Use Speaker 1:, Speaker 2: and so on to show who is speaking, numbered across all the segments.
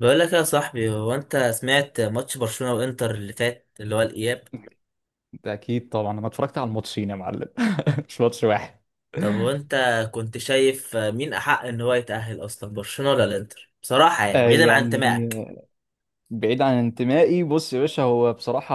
Speaker 1: بقول لك يا صاحبي، هو انت سمعت ماتش برشلونة وانتر اللي فات اللي هو الاياب؟
Speaker 2: ده اكيد طبعا، انا اتفرجت على الماتشين يا معلم. مش ماتش واحد.
Speaker 1: طب وانت كنت شايف مين احق ان هو يتأهل اصلا، برشلونة ولا الانتر، بصراحة يعني
Speaker 2: آه،
Speaker 1: بعيدا عن
Speaker 2: يعني،
Speaker 1: انتمائك؟
Speaker 2: بعيد عن انتمائي. بص يا باشا، هو بصراحة،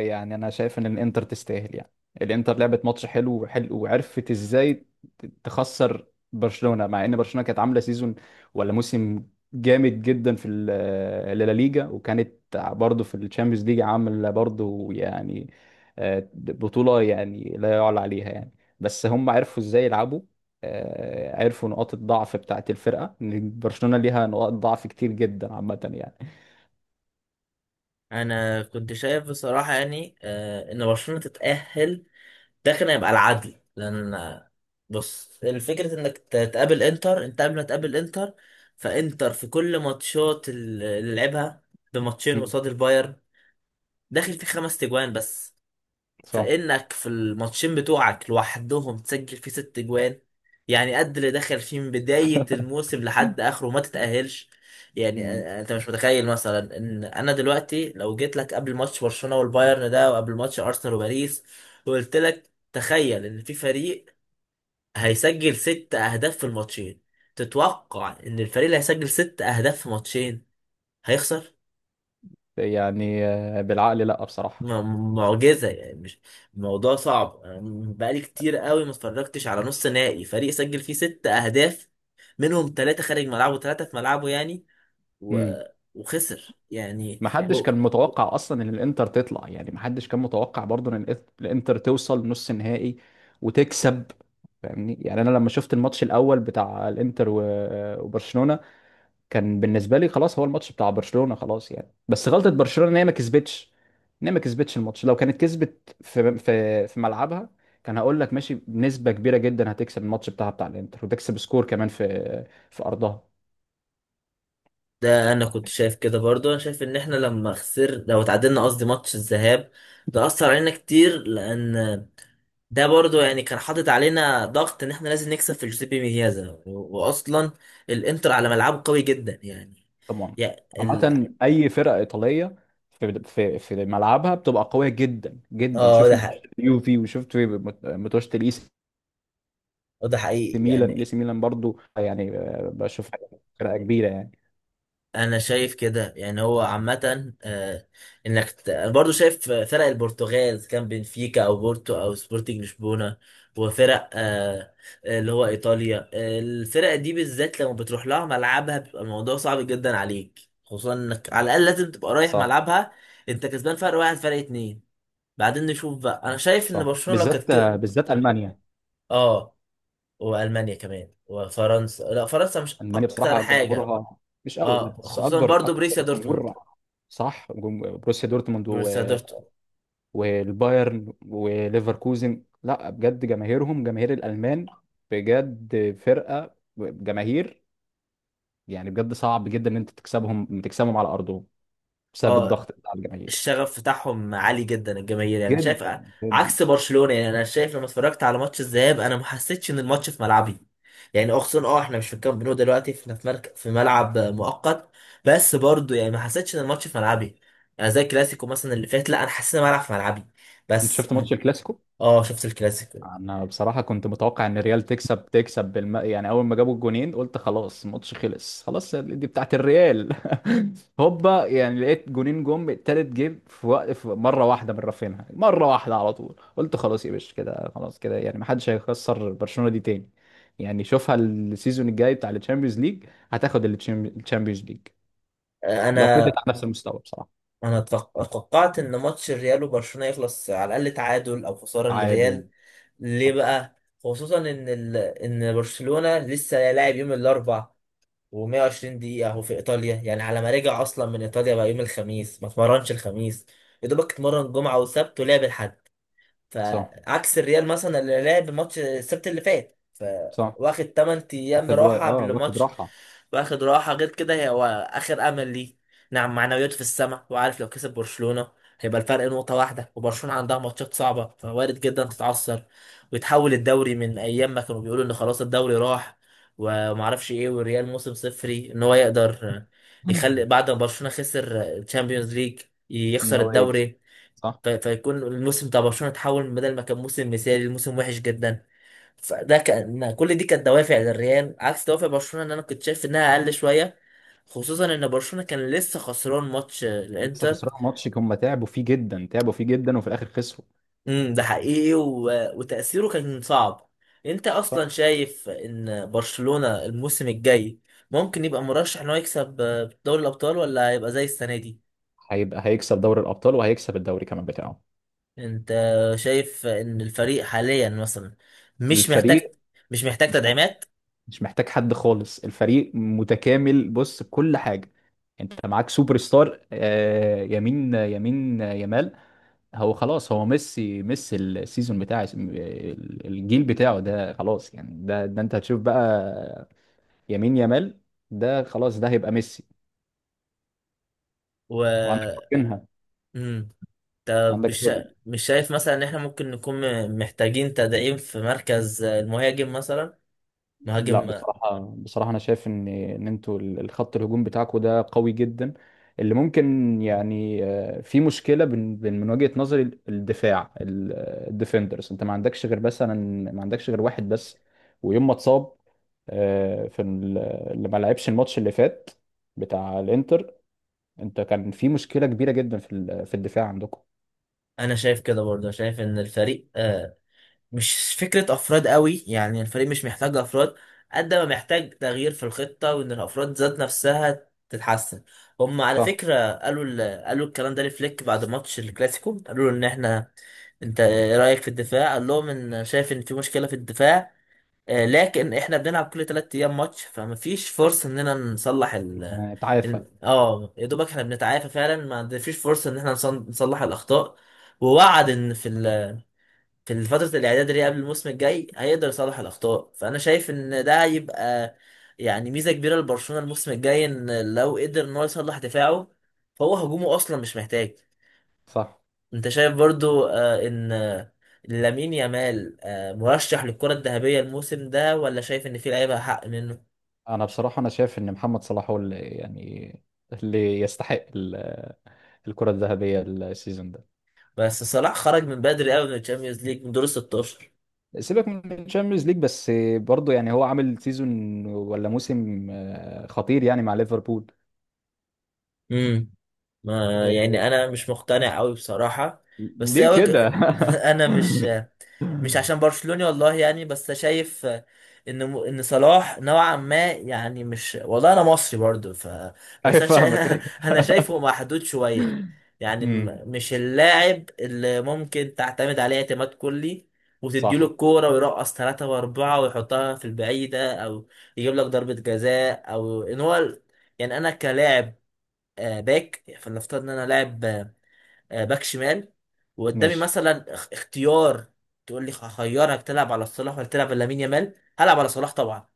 Speaker 2: يعني أنا شايف إن الإنتر تستاهل، يعني الإنتر لعبت ماتش حلو وحلو وعرفت إزاي تخسر برشلونة، مع إن برشلونة كانت عاملة سيزون ولا موسم جامد جدا في اللا ليجا، وكانت برضه في الشامبيونز ليج عاملة برضه، يعني بطولة يعني لا يعلى عليها، يعني بس هم عرفوا إزاي يلعبوا. عرفوا نقاط الضعف بتاعت الفرقة، إن برشلونة ليها نقاط ضعف كتير جدا عامة، يعني.
Speaker 1: انا كنت شايف بصراحة يعني ان برشلونة تتأهل. ده كان هيبقى العدل لان بص، الفكرة انك تقابل انتر. انت قبل ما تقابل انتر، فانتر في كل ماتشات اللي لعبها بماتشين قصاد البايرن داخل في 5 تجوان بس،
Speaker 2: صح.
Speaker 1: فإنك في الماتشين بتوعك لوحدهم تسجل فيه 6 جوان، يعني قد اللي دخل فيه من بداية الموسم لحد آخره ما تتأهلش. يعني
Speaker 2: مم.
Speaker 1: أنت مش متخيل مثلا إن أنا دلوقتي لو جيت لك قبل ماتش برشلونة والبايرن ده وقبل ماتش أرسنال وباريس وقلت لك تخيل إن في فريق هيسجل 6 أهداف في الماتشين، تتوقع إن الفريق اللي هيسجل 6 أهداف في ماتشين هيخسر؟
Speaker 2: يعني، بالعقل لا بصراحة.
Speaker 1: معجزة يعني، مش الموضوع صعب. أنا بقالي كتير قوي ما اتفرجتش على نص نهائي فريق سجل فيه 6 أهداف، منهم ثلاثة خارج ملعبه وثلاثة في ملعبه يعني و...
Speaker 2: مم.
Speaker 1: وخسر يعني.
Speaker 2: محدش يعني
Speaker 1: هو
Speaker 2: كان متوقع اصلا ان الانتر تطلع، يعني محدش كان متوقع برضه ان الانتر توصل نص نهائي وتكسب. فاهمني؟ يعني انا لما شفت الماتش الاول بتاع الانتر وبرشلونة، كان بالنسبة لي خلاص، هو الماتش بتاع برشلونة خلاص، يعني بس غلطة برشلونة ان هي ما كسبتش الماتش. لو كانت كسبت في ملعبها، كان هقول لك ماشي بنسبة كبيرة جدا هتكسب الماتش بتاعها بتاع الانتر وتكسب سكور كمان في ارضها.
Speaker 1: ده أنا كنت شايف كده برضو، أنا شايف إن إحنا لما خسر، لو اتعادلنا قصدي ماتش الذهاب، ده أثر علينا كتير، لأن ده برضو يعني كان حاطط علينا ضغط إن إحنا لازم نكسب في جوزيبي ميازا، وأصلا الإنتر على ملعبه قوي جدا يعني.
Speaker 2: طبعا.
Speaker 1: يعني ال...
Speaker 2: عامة أي فرقة إيطالية في ملعبها بتبقى قوية جدا جدا.
Speaker 1: اه،
Speaker 2: شوف
Speaker 1: ده
Speaker 2: ماتشات
Speaker 1: حقيقي.
Speaker 2: اليوفي، وشفت ماتشات الإي سي
Speaker 1: وده حقيقي
Speaker 2: ميلان الإي
Speaker 1: يعني.
Speaker 2: سي ميلان برضو، يعني بشوفها فرقة كبيرة، يعني.
Speaker 1: انا شايف كده يعني، هو عامة أنا برضو شايف فرق البرتغال إذا كان بنفيكا او بورتو او سبورتنج لشبونة، وفرق اللي هو ايطاليا، الفرق دي بالذات لما بتروح لها ملعبها بيبقى الموضوع صعب جدا عليك، خصوصا انك على الاقل لازم تبقى رايح
Speaker 2: صح.
Speaker 1: ملعبها انت كسبان فرق واحد فرق اتنين، بعدين نشوف بقى. انا شايف ان
Speaker 2: صح.
Speaker 1: برشلونة لو كانت
Speaker 2: بالذات آه،
Speaker 1: كده.
Speaker 2: بالذات ألمانيا.
Speaker 1: اه، والمانيا كمان وفرنسا، لا فرنسا مش
Speaker 2: ألمانيا
Speaker 1: اكتر
Speaker 2: بصراحة
Speaker 1: حاجة.
Speaker 2: جمهورها مش قوي، لا،
Speaker 1: اه،
Speaker 2: بس
Speaker 1: خصوصا
Speaker 2: أكبر
Speaker 1: برضو
Speaker 2: أكتر
Speaker 1: بريسيا دورتموند.
Speaker 2: جمهور. صح. بروسيا دورتموند
Speaker 1: بريسيا دورتموند.
Speaker 2: والبايرن وليفركوزن، لا بجد جماهيرهم، جماهير الألمان، بجد فرقة جماهير، يعني بجد صعب جدا ان انت تكسبهم، تكسبهم على ارضهم بسبب
Speaker 1: اه،
Speaker 2: الضغط بتاع الجماهير.
Speaker 1: الشغف بتاعهم عالي جدا، الجماهير يعني شايف
Speaker 2: جدا جدا.
Speaker 1: عكس برشلونة. يعني انا شايف لما اتفرجت على ماتش الذهاب انا ما حسيتش ان الماتش في ملعبي، يعني اه، خصوصا اه، احنا مش في الكامب نو دلوقتي، احنا في مركز، في ملعب مؤقت، بس برضو يعني ما حسيتش ان الماتش في ملعبي، يعني زي الكلاسيكو مثلا اللي فات، لا، انا حسيت ان الملعب في ملعبي.
Speaker 2: انت
Speaker 1: بس
Speaker 2: شفت
Speaker 1: م-
Speaker 2: ماتش الكلاسيكو؟
Speaker 1: اه، شفت الكلاسيكو.
Speaker 2: انا بصراحه كنت متوقع ان الريال تكسب. يعني اول ما جابوا الجونين قلت خلاص الماتش خلص، خلاص دي بتاعت الريال. هوبا، يعني لقيت جونين جم، التالت جه في وقت، في مره واحده من رافينها، مره واحده على طول، قلت خلاص يا باشا كده، خلاص كده، يعني ما حدش هيخسر برشلونه دي تاني. يعني شوفها، السيزون الجاي بتاع الشامبيونز ليج هتاخد الشامبيونز ليج لو فضلت
Speaker 1: انا
Speaker 2: على نفس المستوى بصراحه.
Speaker 1: انا توقعت ان ماتش الريال وبرشلونة يخلص على الاقل تعادل او خسارة
Speaker 2: تعادل.
Speaker 1: للريال. ليه
Speaker 2: صح.
Speaker 1: بقى؟ خصوصا ان ان برشلونة لسه لاعب يوم الاربع و120 دقيقة هو في ايطاليا، يعني على ما رجع اصلا من ايطاليا بقى يوم الخميس، ما اتمرنش الخميس، يا دوبك اتمرن جمعة وسبت ولعب الحد،
Speaker 2: صح.
Speaker 1: فعكس الريال مثلا اللي لعب ماتش السبت اللي فات
Speaker 2: صح.
Speaker 1: فواخد 8 ايام
Speaker 2: واخد و...
Speaker 1: راحه
Speaker 2: اه
Speaker 1: قبل
Speaker 2: واخد
Speaker 1: الماتش،
Speaker 2: راحه.
Speaker 1: واخد راحه. غير كده هي هو اخر امل ليه، نعم، معنوياته في السماء، وعارف لو كسب برشلونه هيبقى الفرق نقطه واحده، وبرشلونه عندها ماتشات صعبه فوارد جدا تتعثر، ويتحول الدوري من ايام ما كانوا بيقولوا ان خلاص الدوري راح ومعرفش ايه، والريال موسم صفري، ان هو يقدر يخلي بعد ما برشلونه خسر الشامبيونز ليج
Speaker 2: ان
Speaker 1: يخسر
Speaker 2: هو يكسب.
Speaker 1: الدوري،
Speaker 2: صح.
Speaker 1: فيكون الموسم بتاع برشلونة اتحول بدل ما كان موسم مثالي لموسم وحش جدا. فده كان، كل دي كانت دوافع للريال عكس دوافع برشلونة، ان انا كنت شايف انها اقل شوية، خصوصا ان برشلونة كان لسه خسران ماتش
Speaker 2: لسه
Speaker 1: الانتر.
Speaker 2: خسران ماتش، هم تعبوا فيه جدا، تعبوا فيه جدا، وفي الاخر خسروا.
Speaker 1: ده حقيقي وتأثيره كان صعب. انت
Speaker 2: صح.
Speaker 1: اصلا شايف ان برشلونة الموسم الجاي ممكن يبقى مرشح ان هو يكسب دوري الابطال، ولا هيبقى زي السنة دي؟
Speaker 2: هيبقى هيكسب دوري الابطال وهيكسب الدوري كمان بتاعه.
Speaker 1: انت شايف ان الفريق حاليا مثلا مش محتاج،
Speaker 2: الفريق مش محتاج
Speaker 1: تدعيمات
Speaker 2: مش محتاج حد خالص، الفريق متكامل، بص بكل حاجه. انت معاك سوبر ستار، يمين يمال. هو خلاص، هو ميسي ميسي، السيزون بتاع الجيل بتاعه ده خلاص، يعني ده انت هتشوف بقى يمين يامال. ده خلاص، ده هيبقى ميسي. وعندك
Speaker 1: و
Speaker 2: كوتينها.
Speaker 1: مم. طب مش
Speaker 2: وعندك
Speaker 1: مش شايف مثلا ان احنا ممكن نكون محتاجين تدعيم في مركز المهاجم مثلا،
Speaker 2: لا
Speaker 1: مهاجم.
Speaker 2: بصراحة، أنا شايف إن أنتوا الخط الهجوم بتاعكوا ده قوي جدا. اللي ممكن يعني في مشكلة، من وجهة نظري الدفاع الديفندرز، أنت ما عندكش غير مثلا، ما عندكش غير واحد بس. ويوم ما اتصاب في اللي ما لعبش الماتش اللي فات بتاع الإنتر، أنت كان في مشكلة كبيرة جدا في في الدفاع عندكم.
Speaker 1: انا شايف كده برضه، شايف ان الفريق مش فكرة افراد قوي، يعني الفريق مش محتاج افراد قد ما محتاج تغيير في الخطة، وان الافراد ذات نفسها تتحسن. هم على
Speaker 2: صح.
Speaker 1: فكرة قالوا قالوا الكلام ده لفليك بعد ماتش الكلاسيكو، قالوا له ان احنا، انت ايه رايك في الدفاع؟ قال لهم ان شايف ان في مشكله في الدفاع لكن احنا بنلعب كل 3 ايام ماتش، فمفيش فرصه اننا نصلح
Speaker 2: اتعافى.
Speaker 1: اه، يا دوبك احنا بنتعافى فعلا، ما فيش فرصه ان احنا نصلح الاخطاء، ووعد ان في في فتره الاعداد اللي هي قبل الموسم الجاي هيقدر يصلح الاخطاء. فانا شايف ان ده هيبقى يعني ميزه كبيره لبرشلونه الموسم الجاي، ان لو قدر ان هو يصلح دفاعه فهو هجومه اصلا مش محتاج.
Speaker 2: صح.
Speaker 1: انت شايف برضو آه، ان آه، لامين يامال مرشح للكرة الذهبية الموسم ده، ولا شايف ان في لعيبة حق منه؟
Speaker 2: أنا بصراحة، أنا شايف إن محمد صلاح هو اللي يستحق الكرة الذهبية السيزون ده.
Speaker 1: بس صلاح خرج من بدري قوي من الشامبيونز ليج من دور ال 16.
Speaker 2: سيبك من الشامبيونز ليج، بس برضه، يعني هو عامل سيزون ولا موسم خطير، يعني مع ليفربول.
Speaker 1: امم ما
Speaker 2: آه،
Speaker 1: يعني انا مش مقتنع قوي بصراحة. بس هي
Speaker 2: ليه
Speaker 1: وجه.
Speaker 2: كده؟
Speaker 1: انا مش مش عشان برشلوني والله يعني، بس شايف ان ان صلاح نوعا ما يعني، مش والله انا مصري برضو، ف
Speaker 2: ايوه،
Speaker 1: بس انا
Speaker 2: فاهمك، ايوه.
Speaker 1: انا شايفه محدود شويه، يعني
Speaker 2: امم.
Speaker 1: مش اللاعب اللي ممكن تعتمد عليه اعتماد كلي، وتديله
Speaker 2: صح.
Speaker 1: الكوره ويرقص ثلاثة وأربعة ويحطها في البعيدة أو يجيب لك ضربة جزاء، أو إن هو يعني أنا كلاعب باك، فلنفترض إن أنا لاعب باك شمال، وقدامي
Speaker 2: ماشي.
Speaker 1: مثلا اختيار، تقول لي هخيرك تلعب على صلاح ولا تلعب على لامين يامال، هلعب على صلاح طبعا.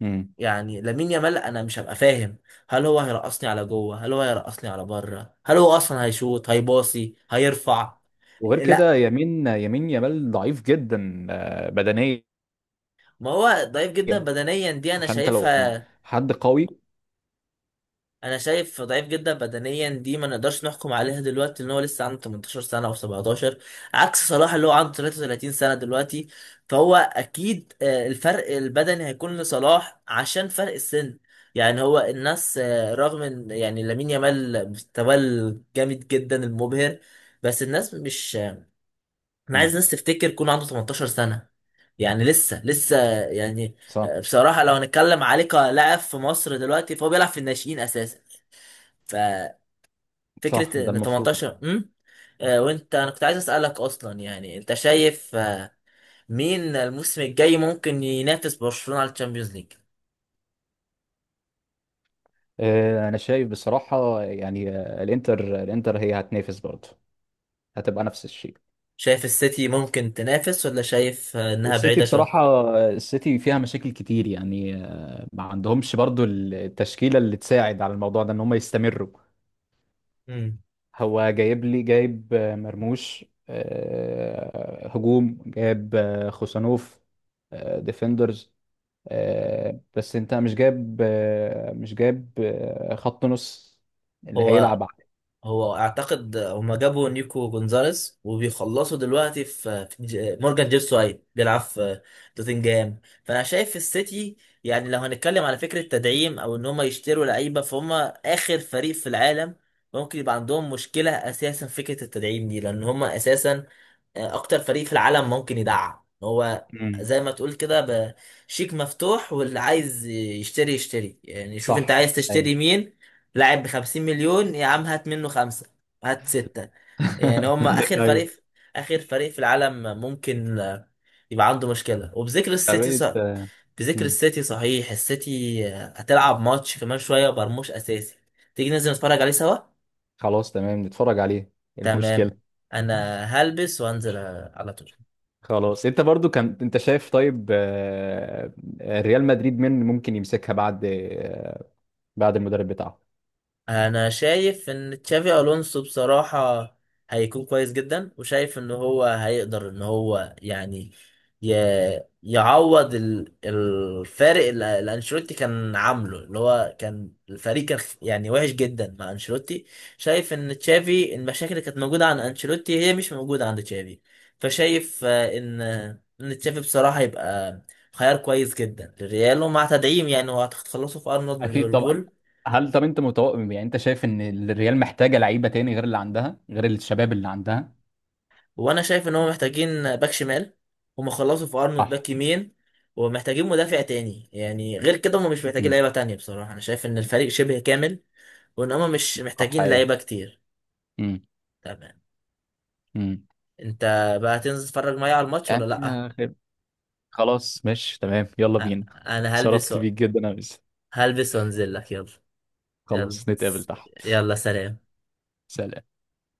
Speaker 2: امم.
Speaker 1: يعني لامين يامال انا مش هبقى فاهم هل هو هيرقصني على جوه، هل هو هيرقصني على بره، هل هو اصلا هيشوط هيباصي هيرفع.
Speaker 2: وغير كده،
Speaker 1: لا،
Speaker 2: يمين يمال ضعيف جدا بدنيا،
Speaker 1: ما هو ضعيف جدا بدنيا دي انا
Speaker 2: فانت لو
Speaker 1: شايفها،
Speaker 2: حد قوي.
Speaker 1: انا شايف ضعيف جدا بدنيا دي ما نقدرش نحكم عليها دلوقتي، ان هو لسه عنده 18 سنه او 17، عكس صلاح اللي هو عنده 33 سنه دلوقتي، فهو اكيد الفرق البدني هيكون لصلاح عشان فرق السن. يعني هو الناس رغم ان يعني لامين يامال مستواه جامد جدا المبهر، بس الناس مش انا عايز
Speaker 2: مم.
Speaker 1: الناس تفتكر يكون عنده 18 سنه، يعني لسه لسه يعني
Speaker 2: صح.
Speaker 1: بصراحه لو هنتكلم عليه كلاعب في مصر دلوقتي فهو بيلعب في الناشئين اساسا،
Speaker 2: صح،
Speaker 1: ففكرة
Speaker 2: ده
Speaker 1: ان
Speaker 2: المفروض.
Speaker 1: 18 وانت، انا كنت عايز اسألك اصلا يعني، انت شايف مين الموسم الجاي ممكن ينافس برشلونة على الشامبيونز ليج؟
Speaker 2: انا شايف بصراحة، يعني الانتر هي هتنافس برضه، هتبقى نفس الشيء.
Speaker 1: شايف السيتي ممكن تنافس، ولا شايف انها
Speaker 2: السيتي
Speaker 1: بعيدة شوية؟
Speaker 2: بصراحة، السيتي فيها مشاكل كتير، يعني ما عندهمش برضو التشكيلة اللي تساعد على الموضوع ده ان هم يستمروا.
Speaker 1: مم.
Speaker 2: هو جايب مرموش، هجوم، جايب خوسانوف، ديفندرز، بس انت مش جايب، خط نص اللي
Speaker 1: هو
Speaker 2: هيلعب عليه.
Speaker 1: هو اعتقد هما جابوا نيكو جونزاليز وبيخلصوا دلوقتي في مورجان جيبسواي بيلعب في توتنجهام، فانا شايف في السيتي، يعني لو هنتكلم على فكره تدعيم او ان هما يشتروا لعيبه، فهم اخر فريق في العالم ممكن يبقى عندهم مشكله اساسا في فكره التدعيم دي، لان هما اساسا اكتر فريق في العالم ممكن يدعم، هو
Speaker 2: مم.
Speaker 1: زي ما تقول كده شيك مفتوح، واللي عايز يشتري يشتري، يعني شوف انت
Speaker 2: صح.
Speaker 1: عايز
Speaker 2: ايوه.
Speaker 1: تشتري مين، لاعب بخمسين مليون يا عم هات منه خمسة، هات ستة. يعني هم آخر
Speaker 2: ايوه.
Speaker 1: فريق، آخر فريق في العالم ممكن يبقى عنده مشكلة. وبذكر السيتي صح،
Speaker 2: فبقيت.
Speaker 1: بذكر السيتي صحيح، السيتي هتلعب ماتش كمان شوية ومرموش أساسي، تيجي ننزل نتفرج عليه سوا؟
Speaker 2: خلاص تمام، نتفرج عليه. إيه
Speaker 1: تمام،
Speaker 2: المشكلة؟
Speaker 1: أنا هلبس وأنزل على طول.
Speaker 2: خلاص. انت برضو كان انت شايف، طيب، ريال مدريد مين ممكن يمسكها بعد، بعد المدرب بتاعه؟
Speaker 1: انا شايف ان تشافي الونسو بصراحة هيكون كويس جدا، وشايف ان هو هيقدر ان هو يعني ي... يعوض الفارق اللي انشيلوتي كان عامله، اللي هو كان الفريق كان يعني وحش جدا مع انشيلوتي. شايف ان تشافي المشاكل اللي كانت موجودة عند انشيلوتي هي مش موجودة عند تشافي، فشايف ان تشافي بصراحة يبقى خيار كويس جدا للريال، ومع تدعيم، يعني هو هتخلصوا في ارنولد من
Speaker 2: اكيد طبعا.
Speaker 1: ليفربول.
Speaker 2: هل طب انت متوقع، يعني انت شايف ان الريال محتاجة لعيبة تاني غير اللي عندها، غير الشباب اللي عندها؟
Speaker 1: وانا شايف ان هم محتاجين باك شمال، هم خلصوا في ارنولد
Speaker 2: صح.
Speaker 1: باك يمين، ومحتاجين مدافع تاني، يعني غير كده هم مش محتاجين
Speaker 2: امم.
Speaker 1: لعيبه تانية بصراحه، انا شايف ان الفريق شبه كامل وان هم مش
Speaker 2: صح.
Speaker 1: محتاجين
Speaker 2: ايه.
Speaker 1: لعيبه كتير.
Speaker 2: امم.
Speaker 1: تمام.
Speaker 2: امم.
Speaker 1: انت بقى هتنزل تتفرج معايا على الماتش ولا
Speaker 2: يعني
Speaker 1: لا؟
Speaker 2: خير. خلاص ماشي تمام، يلا
Speaker 1: أ-
Speaker 2: بينا.
Speaker 1: انا هلبس
Speaker 2: شرفت بيك جدا يا أنس.
Speaker 1: هلبس وانزل لك، يلا. يلا،
Speaker 2: خلاص، نتقابل تحت.
Speaker 1: يلا سلام.
Speaker 2: سلام.